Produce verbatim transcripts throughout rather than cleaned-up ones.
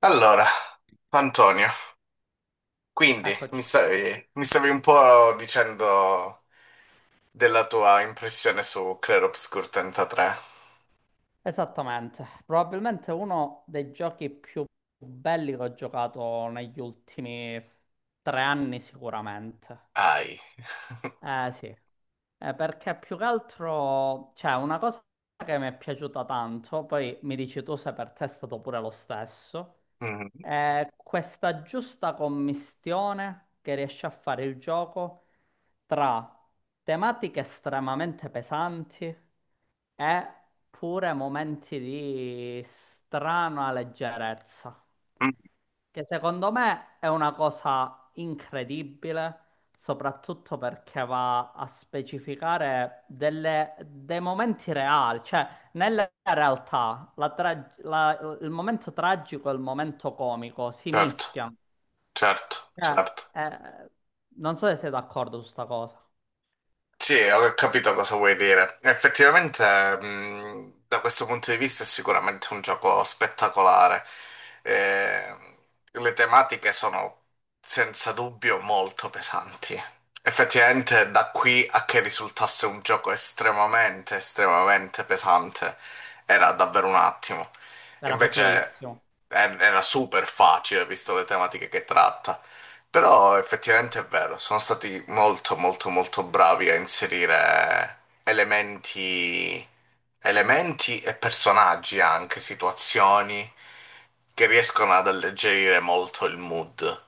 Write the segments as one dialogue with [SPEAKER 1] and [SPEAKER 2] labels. [SPEAKER 1] Allora, Antonio, quindi mi
[SPEAKER 2] Eccoci,
[SPEAKER 1] stavi, mi stavi un po' dicendo della tua impressione su Clair Obscur trentatré.
[SPEAKER 2] esattamente. Probabilmente uno dei giochi più belli che ho giocato negli ultimi tre anni sicuramente.
[SPEAKER 1] Ai.
[SPEAKER 2] Eh sì. Eh, perché più che altro, cioè, una cosa che mi è piaciuta tanto, poi mi dici tu se per te è stato pure lo stesso,
[SPEAKER 1] Mhm.
[SPEAKER 2] è questa giusta commistione che riesce a fare il gioco tra tematiche estremamente pesanti e pure momenti di strana leggerezza, che secondo me è una cosa incredibile, soprattutto perché va a specificare delle- dei momenti reali, cioè nella realtà la tra- la- il momento tragico e il momento comico si
[SPEAKER 1] Certo,
[SPEAKER 2] mischiano.
[SPEAKER 1] certo,
[SPEAKER 2] Cioè,
[SPEAKER 1] certo.
[SPEAKER 2] eh, non so se sei d'accordo su sta cosa.
[SPEAKER 1] Sì, ho capito cosa vuoi dire. Effettivamente, mh, da questo punto di vista è sicuramente un gioco spettacolare. Eh, le tematiche sono senza dubbio molto pesanti. Effettivamente, da qui a che risultasse un gioco estremamente, estremamente pesante, era davvero un attimo.
[SPEAKER 2] Era
[SPEAKER 1] Invece,
[SPEAKER 2] facilissimo.
[SPEAKER 1] eh, era super facile, visto le tematiche che tratta. Però effettivamente è vero, sono stati molto molto molto bravi a inserire elementi, elementi e personaggi anche, situazioni che riescono ad alleggerire molto il mood.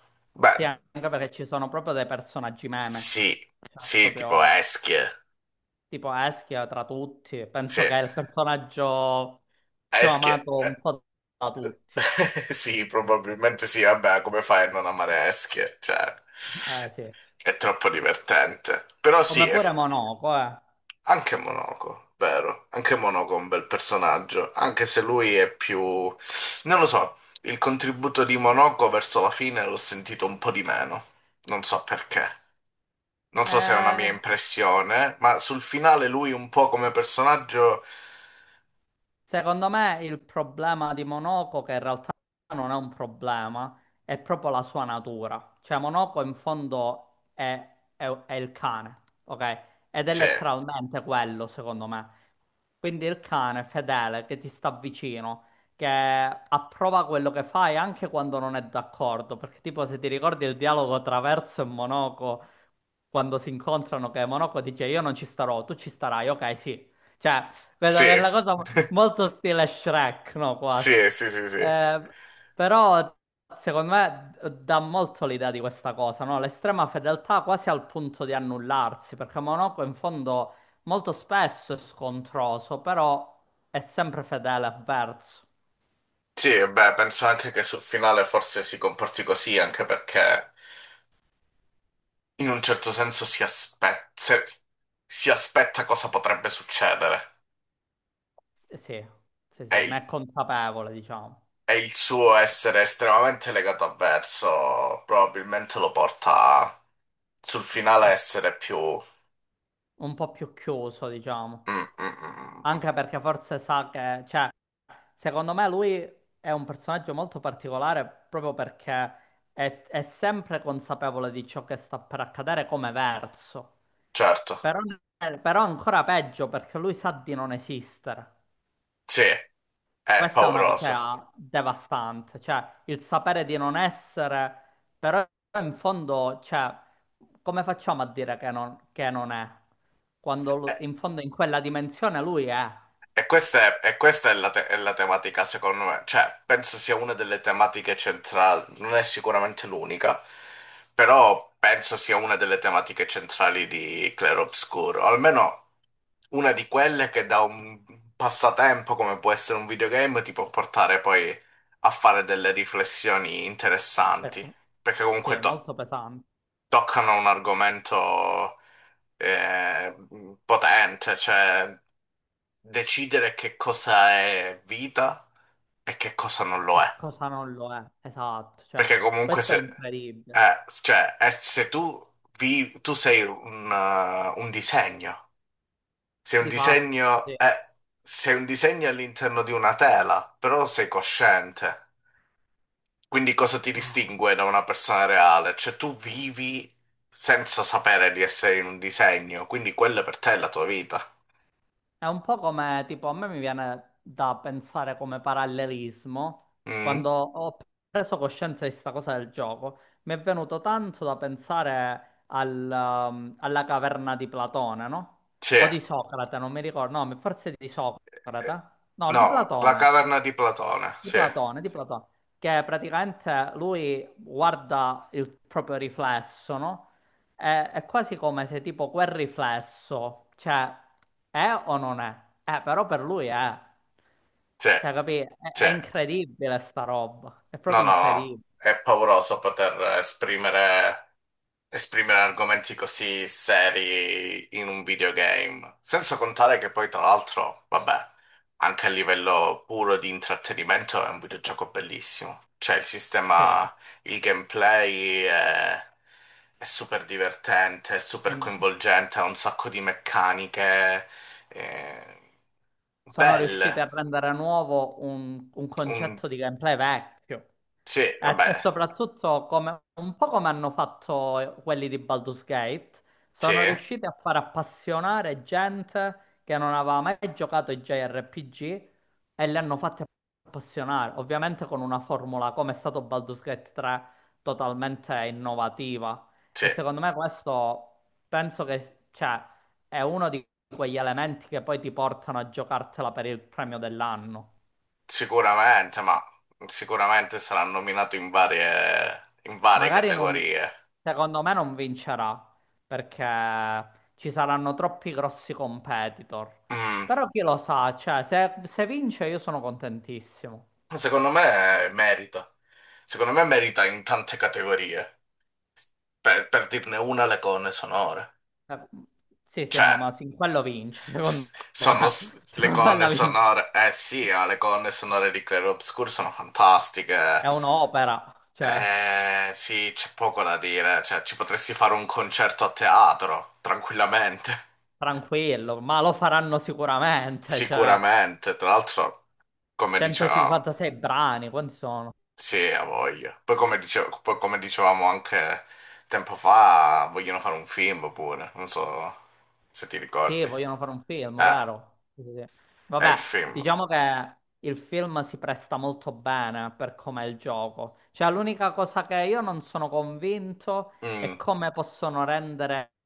[SPEAKER 2] Sì,
[SPEAKER 1] Beh,
[SPEAKER 2] anche perché ci sono proprio dei personaggi meme.
[SPEAKER 1] sì,
[SPEAKER 2] Cioè,
[SPEAKER 1] sì, tipo
[SPEAKER 2] proprio
[SPEAKER 1] Eschie.
[SPEAKER 2] tipo Eschia tra tutti,
[SPEAKER 1] Sì,
[SPEAKER 2] penso che è il personaggio più
[SPEAKER 1] Eschie.
[SPEAKER 2] amato un po' da tutti.
[SPEAKER 1] Eh, sì, probabilmente sì. Vabbè, come fai a non amare Eschie? Cioè,
[SPEAKER 2] Eh sì.
[SPEAKER 1] è troppo divertente. Però sì.
[SPEAKER 2] Come pure Monaco, eh.
[SPEAKER 1] Anche Monaco, vero? Anche Monaco è un bel personaggio, anche se lui è più. Non lo so, il contributo di Monaco verso la fine l'ho sentito un po' di meno. Non so perché. Non so se è una mia
[SPEAKER 2] Eh,
[SPEAKER 1] impressione, ma sul finale lui un po' come personaggio.
[SPEAKER 2] Secondo me il problema di Monoco, che in realtà non è un problema, è proprio la sua natura. Cioè Monoco in fondo è, è- è il cane, ok? Ed è
[SPEAKER 1] Sì,
[SPEAKER 2] letteralmente quello, secondo me. Quindi il cane fedele che ti sta vicino, che approva quello che fai anche quando non è d'accordo. Perché tipo se ti ricordi il dialogo tra Verso e Monoco, quando si incontrano, che Monoco dice io non ci starò, tu ci starai, ok, sì. Cioè, questa
[SPEAKER 1] sì,
[SPEAKER 2] per la cosa molto stile Shrek, no, quasi.
[SPEAKER 1] sì, sì, sì, sì.
[SPEAKER 2] Eh, Però secondo me dà molto l'idea di questa cosa, no? L'estrema fedeltà quasi al punto di annullarsi, perché Monaco in fondo molto spesso è scontroso, però è sempre fedele a verso.
[SPEAKER 1] Sì, beh, penso anche che sul finale forse si comporti così, anche perché in un certo senso si aspetta. Si aspetta cosa potrebbe succedere.
[SPEAKER 2] Sì, sì, sì,
[SPEAKER 1] E
[SPEAKER 2] ne è consapevole, diciamo.
[SPEAKER 1] E il suo essere estremamente legato a verso probabilmente lo porta sul finale a
[SPEAKER 2] Ah,
[SPEAKER 1] essere più.
[SPEAKER 2] un po' più chiuso, diciamo.
[SPEAKER 1] Mm, mm, mm, mm. Mm.
[SPEAKER 2] Anche perché forse sa che, cioè, secondo me lui è un personaggio molto particolare, proprio perché è, è sempre consapevole di ciò che sta per accadere come verso.
[SPEAKER 1] Certo,
[SPEAKER 2] Però, però ancora peggio, perché lui sa di non esistere.
[SPEAKER 1] sì, è
[SPEAKER 2] Questa è una
[SPEAKER 1] pauroso.
[SPEAKER 2] cosa devastante, cioè il sapere di non essere. Però in fondo, cioè, come facciamo a dire che non, che non è? Quando
[SPEAKER 1] E,
[SPEAKER 2] lu- in fondo, in quella dimensione, lui è.
[SPEAKER 1] e questa è, e questa è la, te- è la tematica, secondo me. Cioè, penso sia una delle tematiche centrali, non è sicuramente l'unica, però penso sia una delle tematiche centrali di Claro Obscuro, almeno una di quelle che da un passatempo come può essere un videogame ti può portare poi a fare delle riflessioni
[SPEAKER 2] Pes-
[SPEAKER 1] interessanti, perché
[SPEAKER 2] Sì,
[SPEAKER 1] comunque to-
[SPEAKER 2] molto pesante.
[SPEAKER 1] toccano un argomento eh, potente, cioè decidere che cosa è vita e che cosa non lo
[SPEAKER 2] E
[SPEAKER 1] è.
[SPEAKER 2] cosa non lo è, esatto. Cioè,
[SPEAKER 1] Perché comunque
[SPEAKER 2] questo
[SPEAKER 1] se,
[SPEAKER 2] è incredibile,
[SPEAKER 1] eh, cioè, eh, se tu, vi- tu sei un eh, un disegno. Se un
[SPEAKER 2] di fatto, sì.
[SPEAKER 1] disegno
[SPEAKER 2] Eh,
[SPEAKER 1] è, se un disegno è all'interno di una tela, però sei cosciente. Quindi cosa ti distingue da una persona reale? Cioè tu vivi senza sapere di essere in un disegno, quindi quella per te è la tua vita.
[SPEAKER 2] È un po' come, tipo, a me mi viene da pensare come parallelismo,
[SPEAKER 1] Mm?
[SPEAKER 2] quando ho preso coscienza di sta cosa del gioco, mi è venuto tanto da pensare al, um, alla caverna di Platone, no?
[SPEAKER 1] Sì.
[SPEAKER 2] O di
[SPEAKER 1] Eh,
[SPEAKER 2] Socrate, non mi ricordo, no, forse di Socrate, no, di
[SPEAKER 1] No, la
[SPEAKER 2] Platone.
[SPEAKER 1] caverna di Platone,
[SPEAKER 2] Di
[SPEAKER 1] sì,
[SPEAKER 2] Platone, di Platone, che praticamente lui guarda il proprio riflesso, no? E- È quasi come se, tipo, quel riflesso, cioè, è o non è? Eh, però per lui è.
[SPEAKER 1] sì,
[SPEAKER 2] Cioè, capì? È,
[SPEAKER 1] sì.
[SPEAKER 2] è incredibile sta roba, è
[SPEAKER 1] No,
[SPEAKER 2] proprio
[SPEAKER 1] no, no.
[SPEAKER 2] incredibile.
[SPEAKER 1] È pauroso poter esprimere esprimere argomenti così seri in un videogame, senza contare che poi tra l'altro, vabbè, anche a livello puro di intrattenimento è un videogioco bellissimo. Cioè il
[SPEAKER 2] Sì,
[SPEAKER 1] sistema, il gameplay è, è super divertente, è
[SPEAKER 2] è
[SPEAKER 1] super coinvolgente, ha un sacco di meccaniche eh,
[SPEAKER 2] sono
[SPEAKER 1] belle.
[SPEAKER 2] riusciti a rendere nuovo un, un
[SPEAKER 1] Un-
[SPEAKER 2] concetto di gameplay vecchio.
[SPEAKER 1] Sì,
[SPEAKER 2] E
[SPEAKER 1] vabbè,
[SPEAKER 2] se- soprattutto come- un po' come hanno fatto quelli di Baldur's Gate,
[SPEAKER 1] sì,
[SPEAKER 2] sono riusciti a far appassionare gente che non aveva mai giocato ai J R P G, e li hanno fatti appassionare, ovviamente con una formula, come è stato Baldur's Gate tre, totalmente innovativa.
[SPEAKER 1] sì.
[SPEAKER 2] E secondo me questo, penso che, cioè, è uno di quegli elementi che poi ti portano a giocartela per il premio dell'anno.
[SPEAKER 1] Sicuramente, ma sicuramente sarà nominato in varie, in varie
[SPEAKER 2] Magari non,
[SPEAKER 1] categorie.
[SPEAKER 2] secondo me non vincerà, perché ci saranno troppi grossi competitor.
[SPEAKER 1] Mm,
[SPEAKER 2] Però chi lo sa, cioè, se, se vince io sono contentissimo.
[SPEAKER 1] Secondo me merita. Secondo me merita in tante categorie. Per, per dirne una, le colonne sonore.
[SPEAKER 2] Eh, sì, sì,
[SPEAKER 1] Cioè,
[SPEAKER 2] no, ma sì, quello vince,
[SPEAKER 1] s-
[SPEAKER 2] secondo me.
[SPEAKER 1] sono s- le
[SPEAKER 2] Secondo me
[SPEAKER 1] colonne
[SPEAKER 2] la vince.
[SPEAKER 1] sonore. Eh sì, ma le colonne sonore di Clair Obscur sono fantastiche.
[SPEAKER 2] È un'opera, cioè,
[SPEAKER 1] Eh sì, c'è poco da dire. Cioè, ci potresti fare un concerto a teatro, tranquillamente.
[SPEAKER 2] tranquillo, ma lo faranno sicuramente, cioè,
[SPEAKER 1] Sicuramente, tra l'altro. Come diceva,
[SPEAKER 2] centocinquantasei brani, quanti sono?
[SPEAKER 1] sì, ha voglia. Poi come dice- poi come dicevamo anche tempo fa, vogliono fare un film pure, non so se ti
[SPEAKER 2] Sì,
[SPEAKER 1] ricordi. Eh,
[SPEAKER 2] vogliono fare un film, vero? Sì, sì, sì.
[SPEAKER 1] è il
[SPEAKER 2] Vabbè,
[SPEAKER 1] film.
[SPEAKER 2] diciamo che il film si presta molto bene per com'è il gioco. Cioè, l'unica cosa che io non sono convinto è
[SPEAKER 1] Mm,
[SPEAKER 2] come possono rendere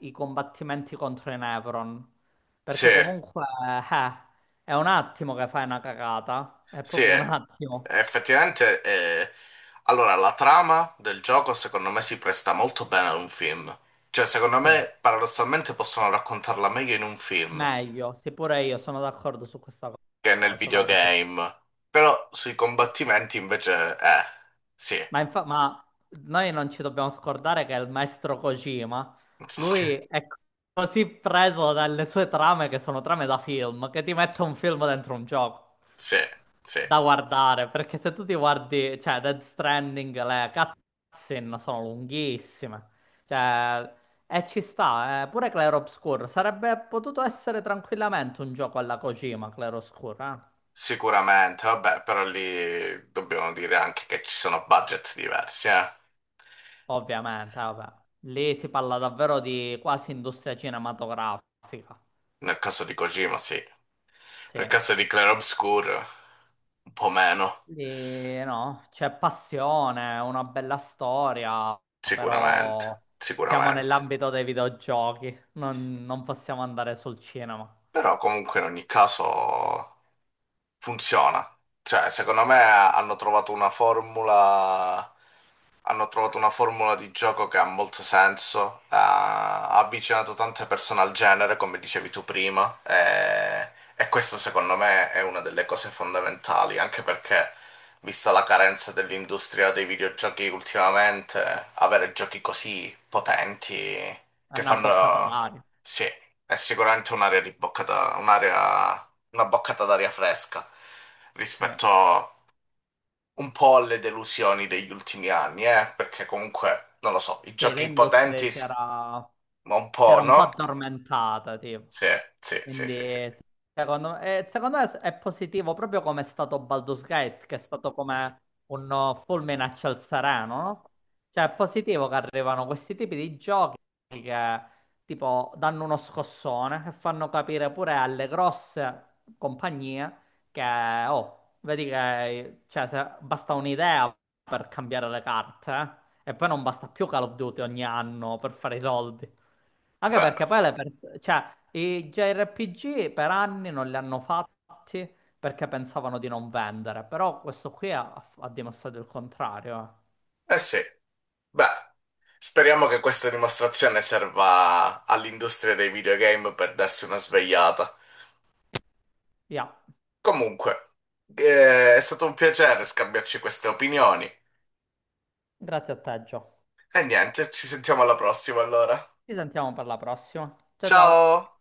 [SPEAKER 2] i combattimenti contro i Nevron.
[SPEAKER 1] sì,
[SPEAKER 2] Perché comunque, eh, è un attimo che fai una cagata. È
[SPEAKER 1] sì,
[SPEAKER 2] proprio un attimo.
[SPEAKER 1] effettivamente. eh, Allora, la trama del gioco secondo me si presta molto bene ad un film. Cioè, secondo
[SPEAKER 2] Sì,
[SPEAKER 1] me, paradossalmente possono raccontarla meglio in un film
[SPEAKER 2] meglio. Sì, pure io sono d'accordo su questa
[SPEAKER 1] che nel
[SPEAKER 2] cosa, vero? Sì.
[SPEAKER 1] videogame. Però sui combattimenti invece, eh, sì.
[SPEAKER 2] Ma, infa- ma noi non ci dobbiamo scordare che il maestro Kojima, lui è così preso dalle sue trame, che sono trame da film, che ti mette un film dentro un gioco
[SPEAKER 1] Sì, sì,
[SPEAKER 2] da guardare, perché se tu ti guardi, cioè Dead Stranding, le cutscene sono lunghissime. Cioè, e ci sta, eh. Pure Clair Obscur sarebbe potuto essere tranquillamente un gioco alla Kojima, Clair Obscur, eh.
[SPEAKER 1] sicuramente, vabbè, però lì dobbiamo dire anche che ci sono budget diversi, eh.
[SPEAKER 2] Ovviamente, vabbè. Lì si parla davvero di quasi industria cinematografica.
[SPEAKER 1] Nel caso di Kojima, sì.
[SPEAKER 2] Sì.
[SPEAKER 1] Nel caso di Clair Obscur, un po' meno,
[SPEAKER 2] Lì, no, c'è passione, una bella storia,
[SPEAKER 1] sicuramente,
[SPEAKER 2] però siamo
[SPEAKER 1] sicuramente.
[SPEAKER 2] nell'ambito dei videogiochi, non, non possiamo andare sul cinema.
[SPEAKER 1] Però comunque in ogni caso funziona. Cioè, secondo me hanno trovato una formula hanno trovato una formula di gioco che ha molto senso, ha ha avvicinato tante persone al genere, come dicevi tu prima, e, e, questo secondo me è una delle cose fondamentali, anche perché, vista la carenza dell'industria dei videogiochi ultimamente, avere giochi così potenti
[SPEAKER 2] È
[SPEAKER 1] che
[SPEAKER 2] una boccata
[SPEAKER 1] fanno.
[SPEAKER 2] d'aria.
[SPEAKER 1] Sì, è sicuramente un'area di boccata, un'area, una boccata d'aria fresca
[SPEAKER 2] Sì.
[SPEAKER 1] rispetto un po' alle delusioni degli ultimi anni, eh? Perché comunque, non lo so, i
[SPEAKER 2] Sì,
[SPEAKER 1] giochi
[SPEAKER 2] l'industria
[SPEAKER 1] potenti,
[SPEAKER 2] si
[SPEAKER 1] s-
[SPEAKER 2] era,
[SPEAKER 1] ma un
[SPEAKER 2] si era
[SPEAKER 1] po',
[SPEAKER 2] un po'
[SPEAKER 1] no?
[SPEAKER 2] addormentata, tipo.
[SPEAKER 1] Sì, sì, sì, sì, sì.
[SPEAKER 2] Quindi, secondo me, eh, secondo me è positivo, proprio come è stato Baldur's Gate, che è stato come un oh, fulmine a ciel sereno, no? Cioè, è positivo che arrivano questi tipi di giochi che, tipo, danno uno scossone e fanno capire pure alle grosse compagnie che, oh, vedi che, cioè, se- basta un'idea per cambiare le carte, eh. E poi non basta più Call of Duty ogni anno per fare i soldi. Anche
[SPEAKER 1] Beh,
[SPEAKER 2] perché poi le persone, cioè, i J R P G per anni non li hanno fatti perché pensavano di non vendere, però questo qui ha, ha dimostrato il contrario, eh.
[SPEAKER 1] eh sì, beh, speriamo che questa dimostrazione serva all'industria dei videogame per darsi una svegliata.
[SPEAKER 2] Via,
[SPEAKER 1] Comunque, eh, è stato un piacere scambiarci queste opinioni.
[SPEAKER 2] grazie a te, Gio.
[SPEAKER 1] E niente, ci sentiamo alla prossima allora.
[SPEAKER 2] Ci sentiamo per la prossima. Ciao ciao.
[SPEAKER 1] Ciao!